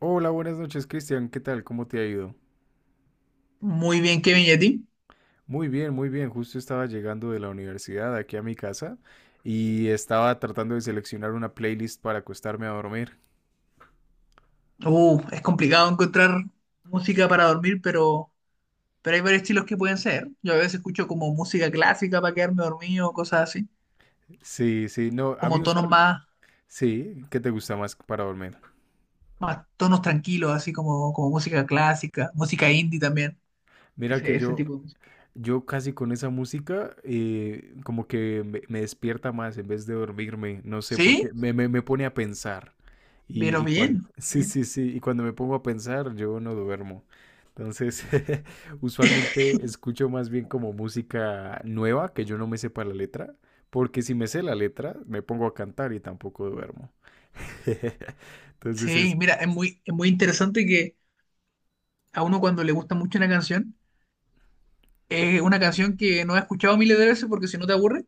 Hola, buenas noches, Cristian. ¿Qué tal? ¿Cómo te ha ido? Muy bien, Kevin, ¿y a ti? Muy bien, muy bien. Justo estaba llegando de la universidad aquí a mi casa y estaba tratando de seleccionar una playlist para acostarme a dormir. Es complicado encontrar música para dormir, pero, hay varios estilos que pueden ser. Yo a veces escucho como música clásica para quedarme dormido, cosas así, Sí, sí, no, a mí como tonos usual. más, Sí, ¿qué te gusta más para dormir? más tonos tranquilos, así como música clásica, música indie también, Mira ese, que ese yo, tipo de música. Yo casi con esa música como que me despierta más en vez de dormirme, no sé por Sí, qué, me pone a pensar. Y, pero y cuando, bien, sí, bien. sí, sí, y cuando me pongo a pensar, yo no duermo. Entonces, usualmente escucho más bien como música nueva, que yo no me sepa la letra, porque si me sé la letra, me pongo a cantar y tampoco duermo. Entonces Sí, es, mira, es muy interesante que a uno cuando le gusta mucho una canción, es una canción que no ha escuchado miles de veces porque si no te aburre,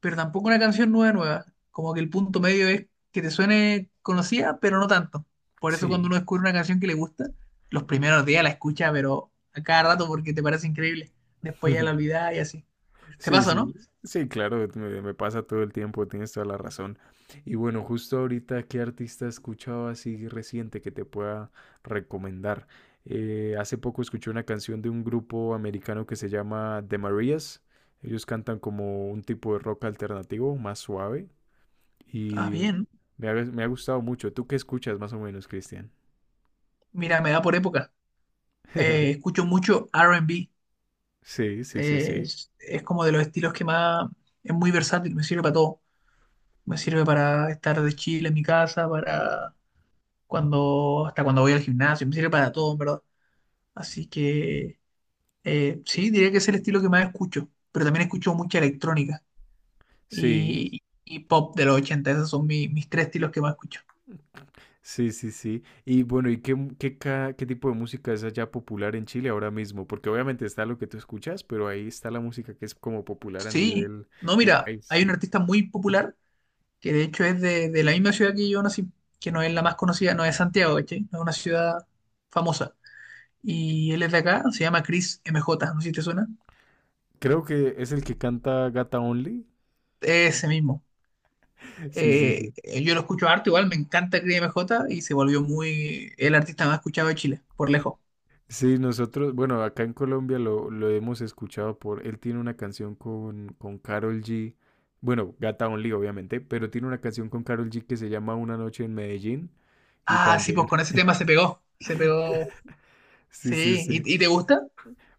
pero tampoco una canción nueva, nueva. Como que el punto medio es que te suene conocida, pero no tanto. Por eso cuando sí. uno descubre una canción que le gusta, los primeros días la escucha, pero a cada rato porque te parece increíble. Después ya la olvidás y así. ¿Te Sí, pasa, no? sí, sí, claro, me pasa todo el tiempo, tienes toda la razón. Y bueno, justo ahorita, ¿qué artista escuchaba así reciente que te pueda recomendar? Hace poco escuché una canción de un grupo americano que se llama The Marías. Ellos cantan como un tipo de rock alternativo, más suave, Ah, y bien. me ha gustado mucho. ¿Tú qué escuchas más o menos, Cristian? Mira, me da por época. Escucho mucho R&B. Sí, sí, sí, sí. Es como de los estilos que más... Es muy versátil, me sirve para todo. Me sirve para estar de chile en mi casa, para cuando... Hasta cuando voy al gimnasio, me sirve para todo, en verdad. Así que. Sí, diría que es el estilo que más escucho, pero también escucho mucha electrónica Sí, y pop de los 80. Esos son mis tres estilos que más escucho. sí, sí, sí. Y bueno, ¿y qué, mu- qué, ca- qué tipo de música es allá popular en Chile ahora mismo? Porque obviamente está lo que tú escuchas, pero ahí está la música que es como popular a Sí, nivel no, de mira, hay país. un artista muy popular que de hecho es de la misma ciudad que yo nací, que no es la más conocida, no es Santiago, ¿cachai? No es una ciudad famosa. Y él es de acá, se llama Chris M J. No sé si te suena. Creo que es el que canta Gata Only. Ese mismo. Sí, sí, Eh, sí. yo lo escucho harto, igual me encanta Chris M J. Y se volvió muy el artista más escuchado de Chile, por lejos. Sí, nosotros, bueno, acá en Colombia lo hemos escuchado por, él tiene una canción con Karol G, bueno, Gata Only obviamente, pero tiene una canción con Karol G que se llama Una noche en Medellín y Ah, sí, pues también, con ese tema se pegó. Se pegó. sí, sí, Sí. sí. ¿Y te gusta?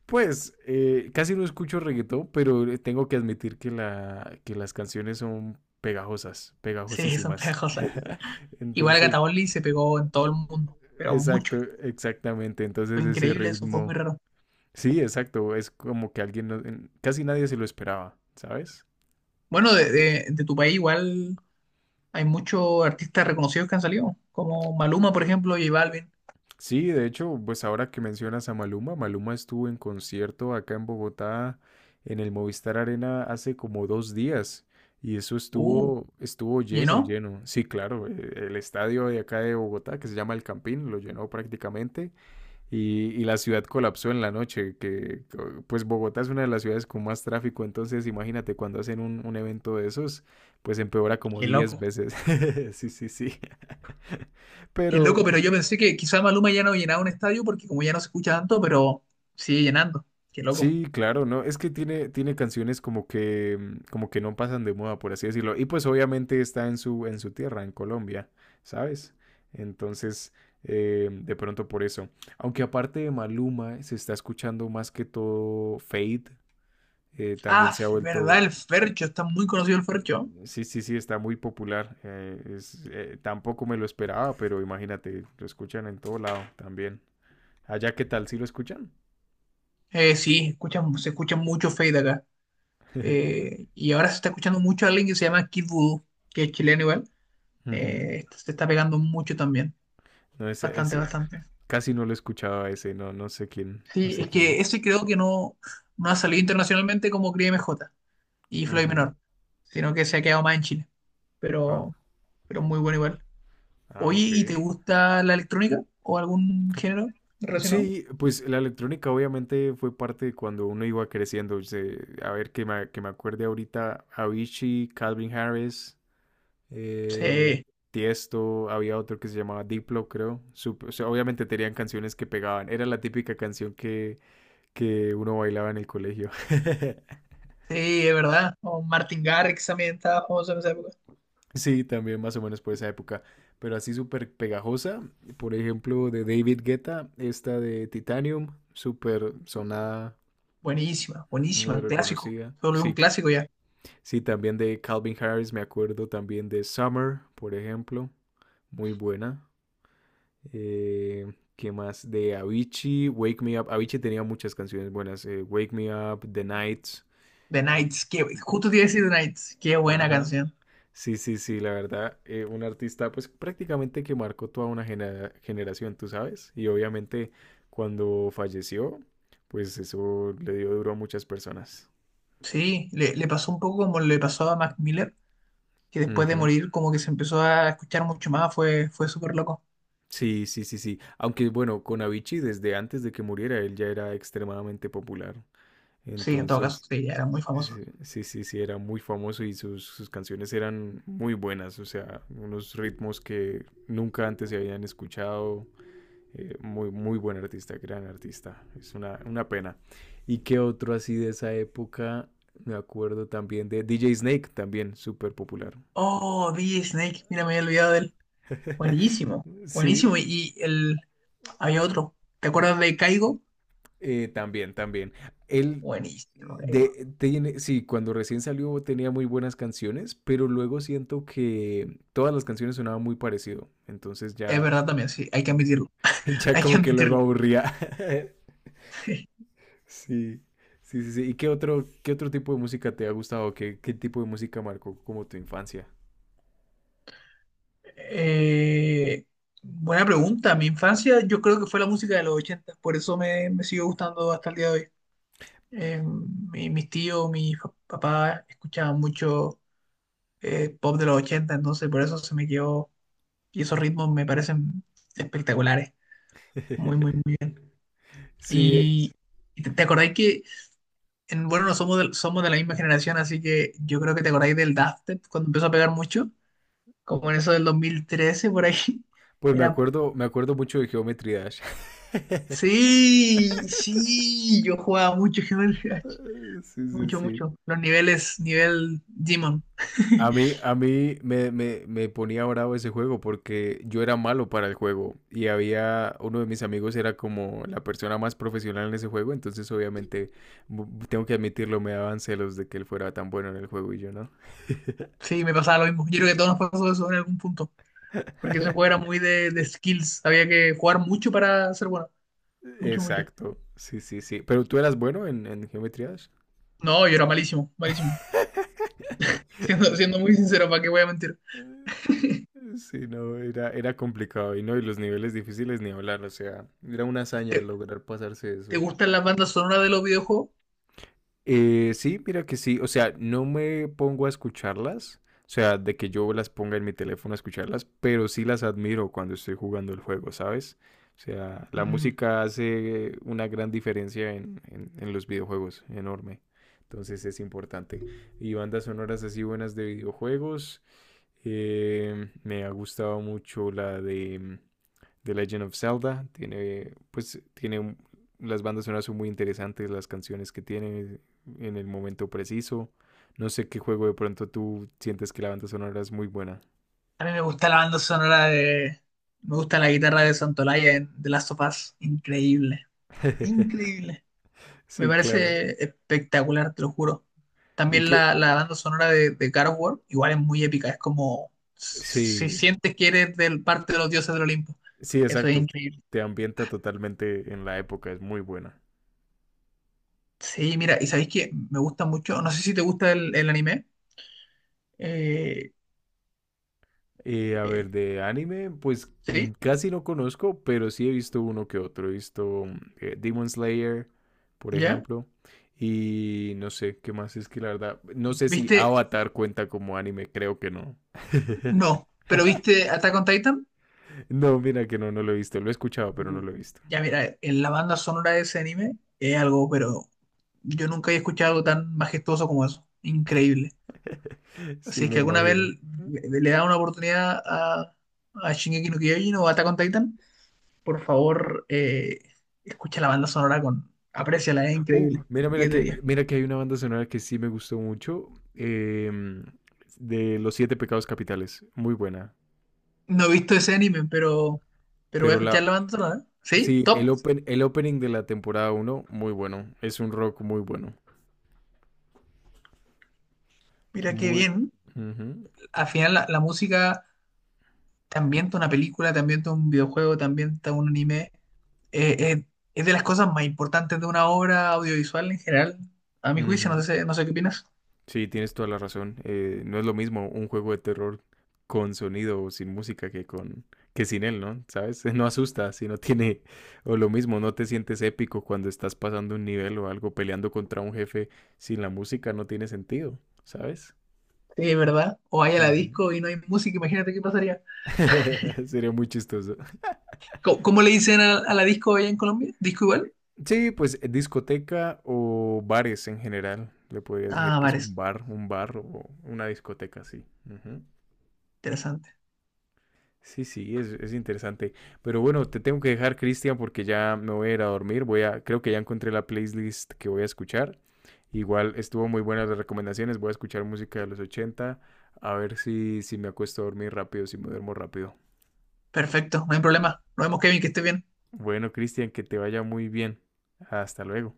Pues casi no escucho reggaetón, pero tengo que admitir que, que las canciones son pegajosas, Sí, son pegajosísimas. pegajosas. Igual Entonces, Catabolli se pegó en todo el mundo, pero mucho. exacto, exactamente. Fue Entonces ese increíble, eso fue muy ritmo, raro. sí, exacto, es como que alguien, casi nadie se lo esperaba, ¿sabes? Bueno, de tu país igual hay muchos artistas reconocidos que han salido, como Maluma, por ejemplo, J Balvin. Sí, de hecho, pues ahora que mencionas a Maluma, Maluma estuvo en concierto acá en Bogotá, en el Movistar Arena, hace como 2 días, y eso Uh, estuvo, estuvo lleno, ¿Llenó? lleno. Sí, claro, el estadio de acá de Bogotá, que se llama El Campín, lo llenó prácticamente, y la ciudad colapsó en la noche, que pues Bogotá es una de las ciudades con más tráfico, entonces imagínate cuando hacen un evento de esos, pues empeora como Qué 10 loco. veces. Sí, sí, sí. Qué loco, Pero, pero yo pensé que quizá Maluma ya no llenaba un estadio porque como ya no se escucha tanto, pero sigue llenando. Qué loco. sí, claro, ¿no? Es que tiene, tiene canciones como que, como que no pasan de moda, por así decirlo. Y pues obviamente está en su tierra, en Colombia, ¿sabes? Entonces, de pronto por eso. Aunque aparte de Maluma, se está escuchando más que todo Fade. También Ah, se ha verdad, vuelto, el Fercho, está muy conocido el Fercho. sí, sí, sí, está muy popular. Tampoco me lo esperaba, pero imagínate, lo escuchan en todo lado también. Allá, ¿qué tal? ¿Sí lo escuchan? Sí, se escucha mucho Fade acá. Y ahora se está escuchando mucho a alguien que se llama Kid Voodoo, que es chileno igual. Ujú. Esto se está pegando mucho también. No, ese, Bastante, ese, bastante. casi no lo escuchaba ese, no, no sé quién, no Sí, sé es quién que es. ese creo que no ha salido internacionalmente como Cris M J y Floyd Menor, Ujú. sino que se ha quedado más en Chile. Ah, Pero, muy bueno igual. ah, Oye, ok. ¿y te gusta la electrónica o algún género relacionado? Sí, pues la electrónica obviamente fue parte de cuando uno iba creciendo. A ver, que que me acuerde ahorita, Avicii, Calvin Harris, eh, Sí, Tiesto, había otro que se llamaba Diplo, creo. O sea, obviamente tenían canciones que pegaban. Era la típica canción que uno bailaba en el colegio. sí, es verdad. O Martin Garrix también estaba famoso en esa época. Sí, también más o menos por esa época, pero así súper pegajosa, por ejemplo, de David Guetta, esta de Titanium, súper sonada, Buenísima, muy buenísima, clásico. reconocida. Solo un Sí, clásico ya. sí, también de Calvin Harris, me acuerdo también de Summer, por ejemplo, muy buena. Eh, ¿Qué más? De Avicii, Wake Me Up. Avicii tenía muchas canciones buenas, Wake Me Up, The Nights. The eh, Knights, que justo te iba a decir, The Knights qué buena Ajá. canción. Sí, sí, sí, la verdad, un artista pues prácticamente que marcó toda una generación, tú sabes, y obviamente cuando falleció, pues eso le dio duro a muchas personas. Sí, le pasó un poco como le pasó a Mac Miller, que después de Ujú. morir como que se empezó a escuchar mucho más, fue súper loco. Sí, sí, sí, sí. Aunque bueno, con Avicii desde antes de que muriera él ya era extremadamente popular. Sí, en todo caso, Entonces, sí, ya era muy famoso. sí, sí, sí, sí, era muy famoso y sus canciones eran muy buenas, o sea, unos ritmos que nunca antes se habían escuchado. Muy, muy buen artista, gran artista. Es una pena. ¿Y qué otro así de esa época? Me acuerdo también de DJ Snake, también súper popular. Oh, DJ Snake, mira, me había olvidado de él. Buenísimo, Sí, buenísimo. Y había otro, ¿te acuerdas de Caigo? También, también. Él Buenísimo, Caigo. de, tiene, sí, cuando recién salió tenía muy buenas canciones, pero luego siento que todas las canciones sonaban muy parecido. Entonces Es ya, verdad también, sí, hay que admitirlo, ya hay que como que luego admitirlo. aburría. Sí, sí, sí, sí. ¿Y qué otro tipo de música te ha gustado? ¿Qué, qué tipo de música marcó como tu infancia? Eh, Buena pregunta. Mi infancia yo creo que fue la música de los 80, por eso me sigue gustando hasta el día de hoy. Mis tíos, papás escuchaban mucho pop de los 80, entonces por eso se me quedó y esos ritmos me parecen espectaculares. Muy, muy, muy. Sí, Y, y te acordáis que, bueno, no somos de, somos de la misma generación, así que yo creo que te acordáis del Daft Punk cuando empezó a pegar mucho, como en eso del 2013 por ahí. pues me Era. acuerdo, me acuerdo mucho de Geometry Dash. Sí, sí, yo jugaba mucho Human Clash, Sí, sí, mucho, sí. mucho. Los niveles, nivel Demon. A mí, a mí me, me, me ponía bravo ese juego porque yo era malo para el juego y había uno de mis amigos era como la persona más profesional en ese juego, entonces obviamente tengo que admitirlo, me daban celos de que él fuera tan bueno en el juego y yo no. Sí, me pasaba lo mismo. Yo creo que a todos nos pasó eso en algún punto, porque ese juego era muy de skills, había que jugar mucho para ser bueno, mucho, mucho. Exacto, sí, sí, sí. Pero tú eras bueno en Geometry Dash. No, yo era malísimo, malísimo. Siendo, siendo muy sincero, ¿para qué voy a mentir? Sí, no, era, era complicado y no, y los niveles difíciles ni hablar, o sea, era una hazaña ¿Te, lograr pasarse te eso. gustan las bandas sonoras de los videojuegos? Sí, mira que sí, o sea, no me pongo a escucharlas, o sea, de que yo las ponga en mi teléfono a escucharlas, pero sí las admiro cuando estoy jugando el juego, ¿sabes? O sea, la Mm, música hace una gran diferencia en los videojuegos, enorme. Entonces es importante. Y bandas sonoras así buenas de videojuegos. Me ha gustado mucho la de The Legend of Zelda. Tiene, pues, tiene las bandas sonoras son muy interesantes, las canciones que tiene en el momento preciso. No sé qué juego de pronto tú sientes que la banda sonora es muy buena. a mí me gusta la banda sonora de... Me gusta la guitarra de Santolaya en The Last of Us, increíble, increíble. Me Sí, claro. parece espectacular, te lo juro. Y También que, la banda sonora de God of War, igual es muy épica, es como si sí, sientes que eres del parte de los dioses del Olimpo. sí, Eso es exacto. increíble. Te ambienta totalmente en la época, es muy buena. Sí, mira, y sabéis que me gusta mucho, no sé si te gusta el anime. Eh, A eh, ver, de anime, pues ¿Sí? casi no conozco, pero sí he visto uno que otro. He visto Demon Slayer, por ¿Ya? ejemplo. Y no sé, ¿qué más es que la verdad? No sé si ¿Viste? Avatar cuenta como anime, creo que no. No, pero ¿viste Attack on Titan? No, mira que no, no lo he visto. Lo he escuchado, pero no Uh, lo he visto. ya mira, en la banda sonora de ese anime es algo, pero yo nunca he escuchado algo tan majestuoso como eso. Increíble. Sí, Si es me que alguna vez imagino. le da una oportunidad a Shingeki no Kyojin o Attack on Titan, por favor, escucha la banda sonora con... Apréciala, es increíble. Mira, mira diez de que, diez mira que hay una banda sonora que sí me gustó mucho. De Los Siete Pecados Capitales. Muy buena. No he visto ese anime, pero, voy a Pero escuchar la, la banda sonora. ¿Sí? sí, Top. el open, el opening de la temporada uno, muy bueno. Es un rock muy bueno. Mira qué Muy. bien. Ujú, Al final la música también ambienta una película, también ambienta un videojuego, también ambienta un anime. Eh, eh, es de las cosas más importantes de una obra audiovisual en general, a mi juicio. No ujú. sé, no sé qué opinas. Sí, tienes toda la razón. No es lo mismo un juego de terror con sonido o sin música que con que sin él, ¿no? ¿Sabes? No asusta si no tiene o lo mismo, no te sientes épico cuando estás pasando un nivel o algo peleando contra un jefe sin la música no tiene sentido, ¿sabes? Sí, ¿verdad? O vaya a la Ujú. disco y no hay música, imagínate qué pasaría. Sería muy chistoso. ¿Cómo le dicen a la disco allá en Colombia? ¿Disco igual? Sí, pues discoteca o bares en general. Le podrías decir Ah, que es bares. Un bar o una discoteca, sí. Ujú. Interesante. Sí, sí, es interesante. Pero bueno, te tengo que dejar, Cristian, porque ya me voy a ir a dormir. Voy a, creo que ya encontré la playlist que voy a escuchar. Igual estuvo muy buenas las recomendaciones. Voy a escuchar música de los 80. A ver si, si me acuesto a dormir rápido, si me duermo rápido. Perfecto, no hay problema. Nos vemos, Kevin, que esté bien. Bueno, Cristian, que te vaya muy bien. Hasta luego.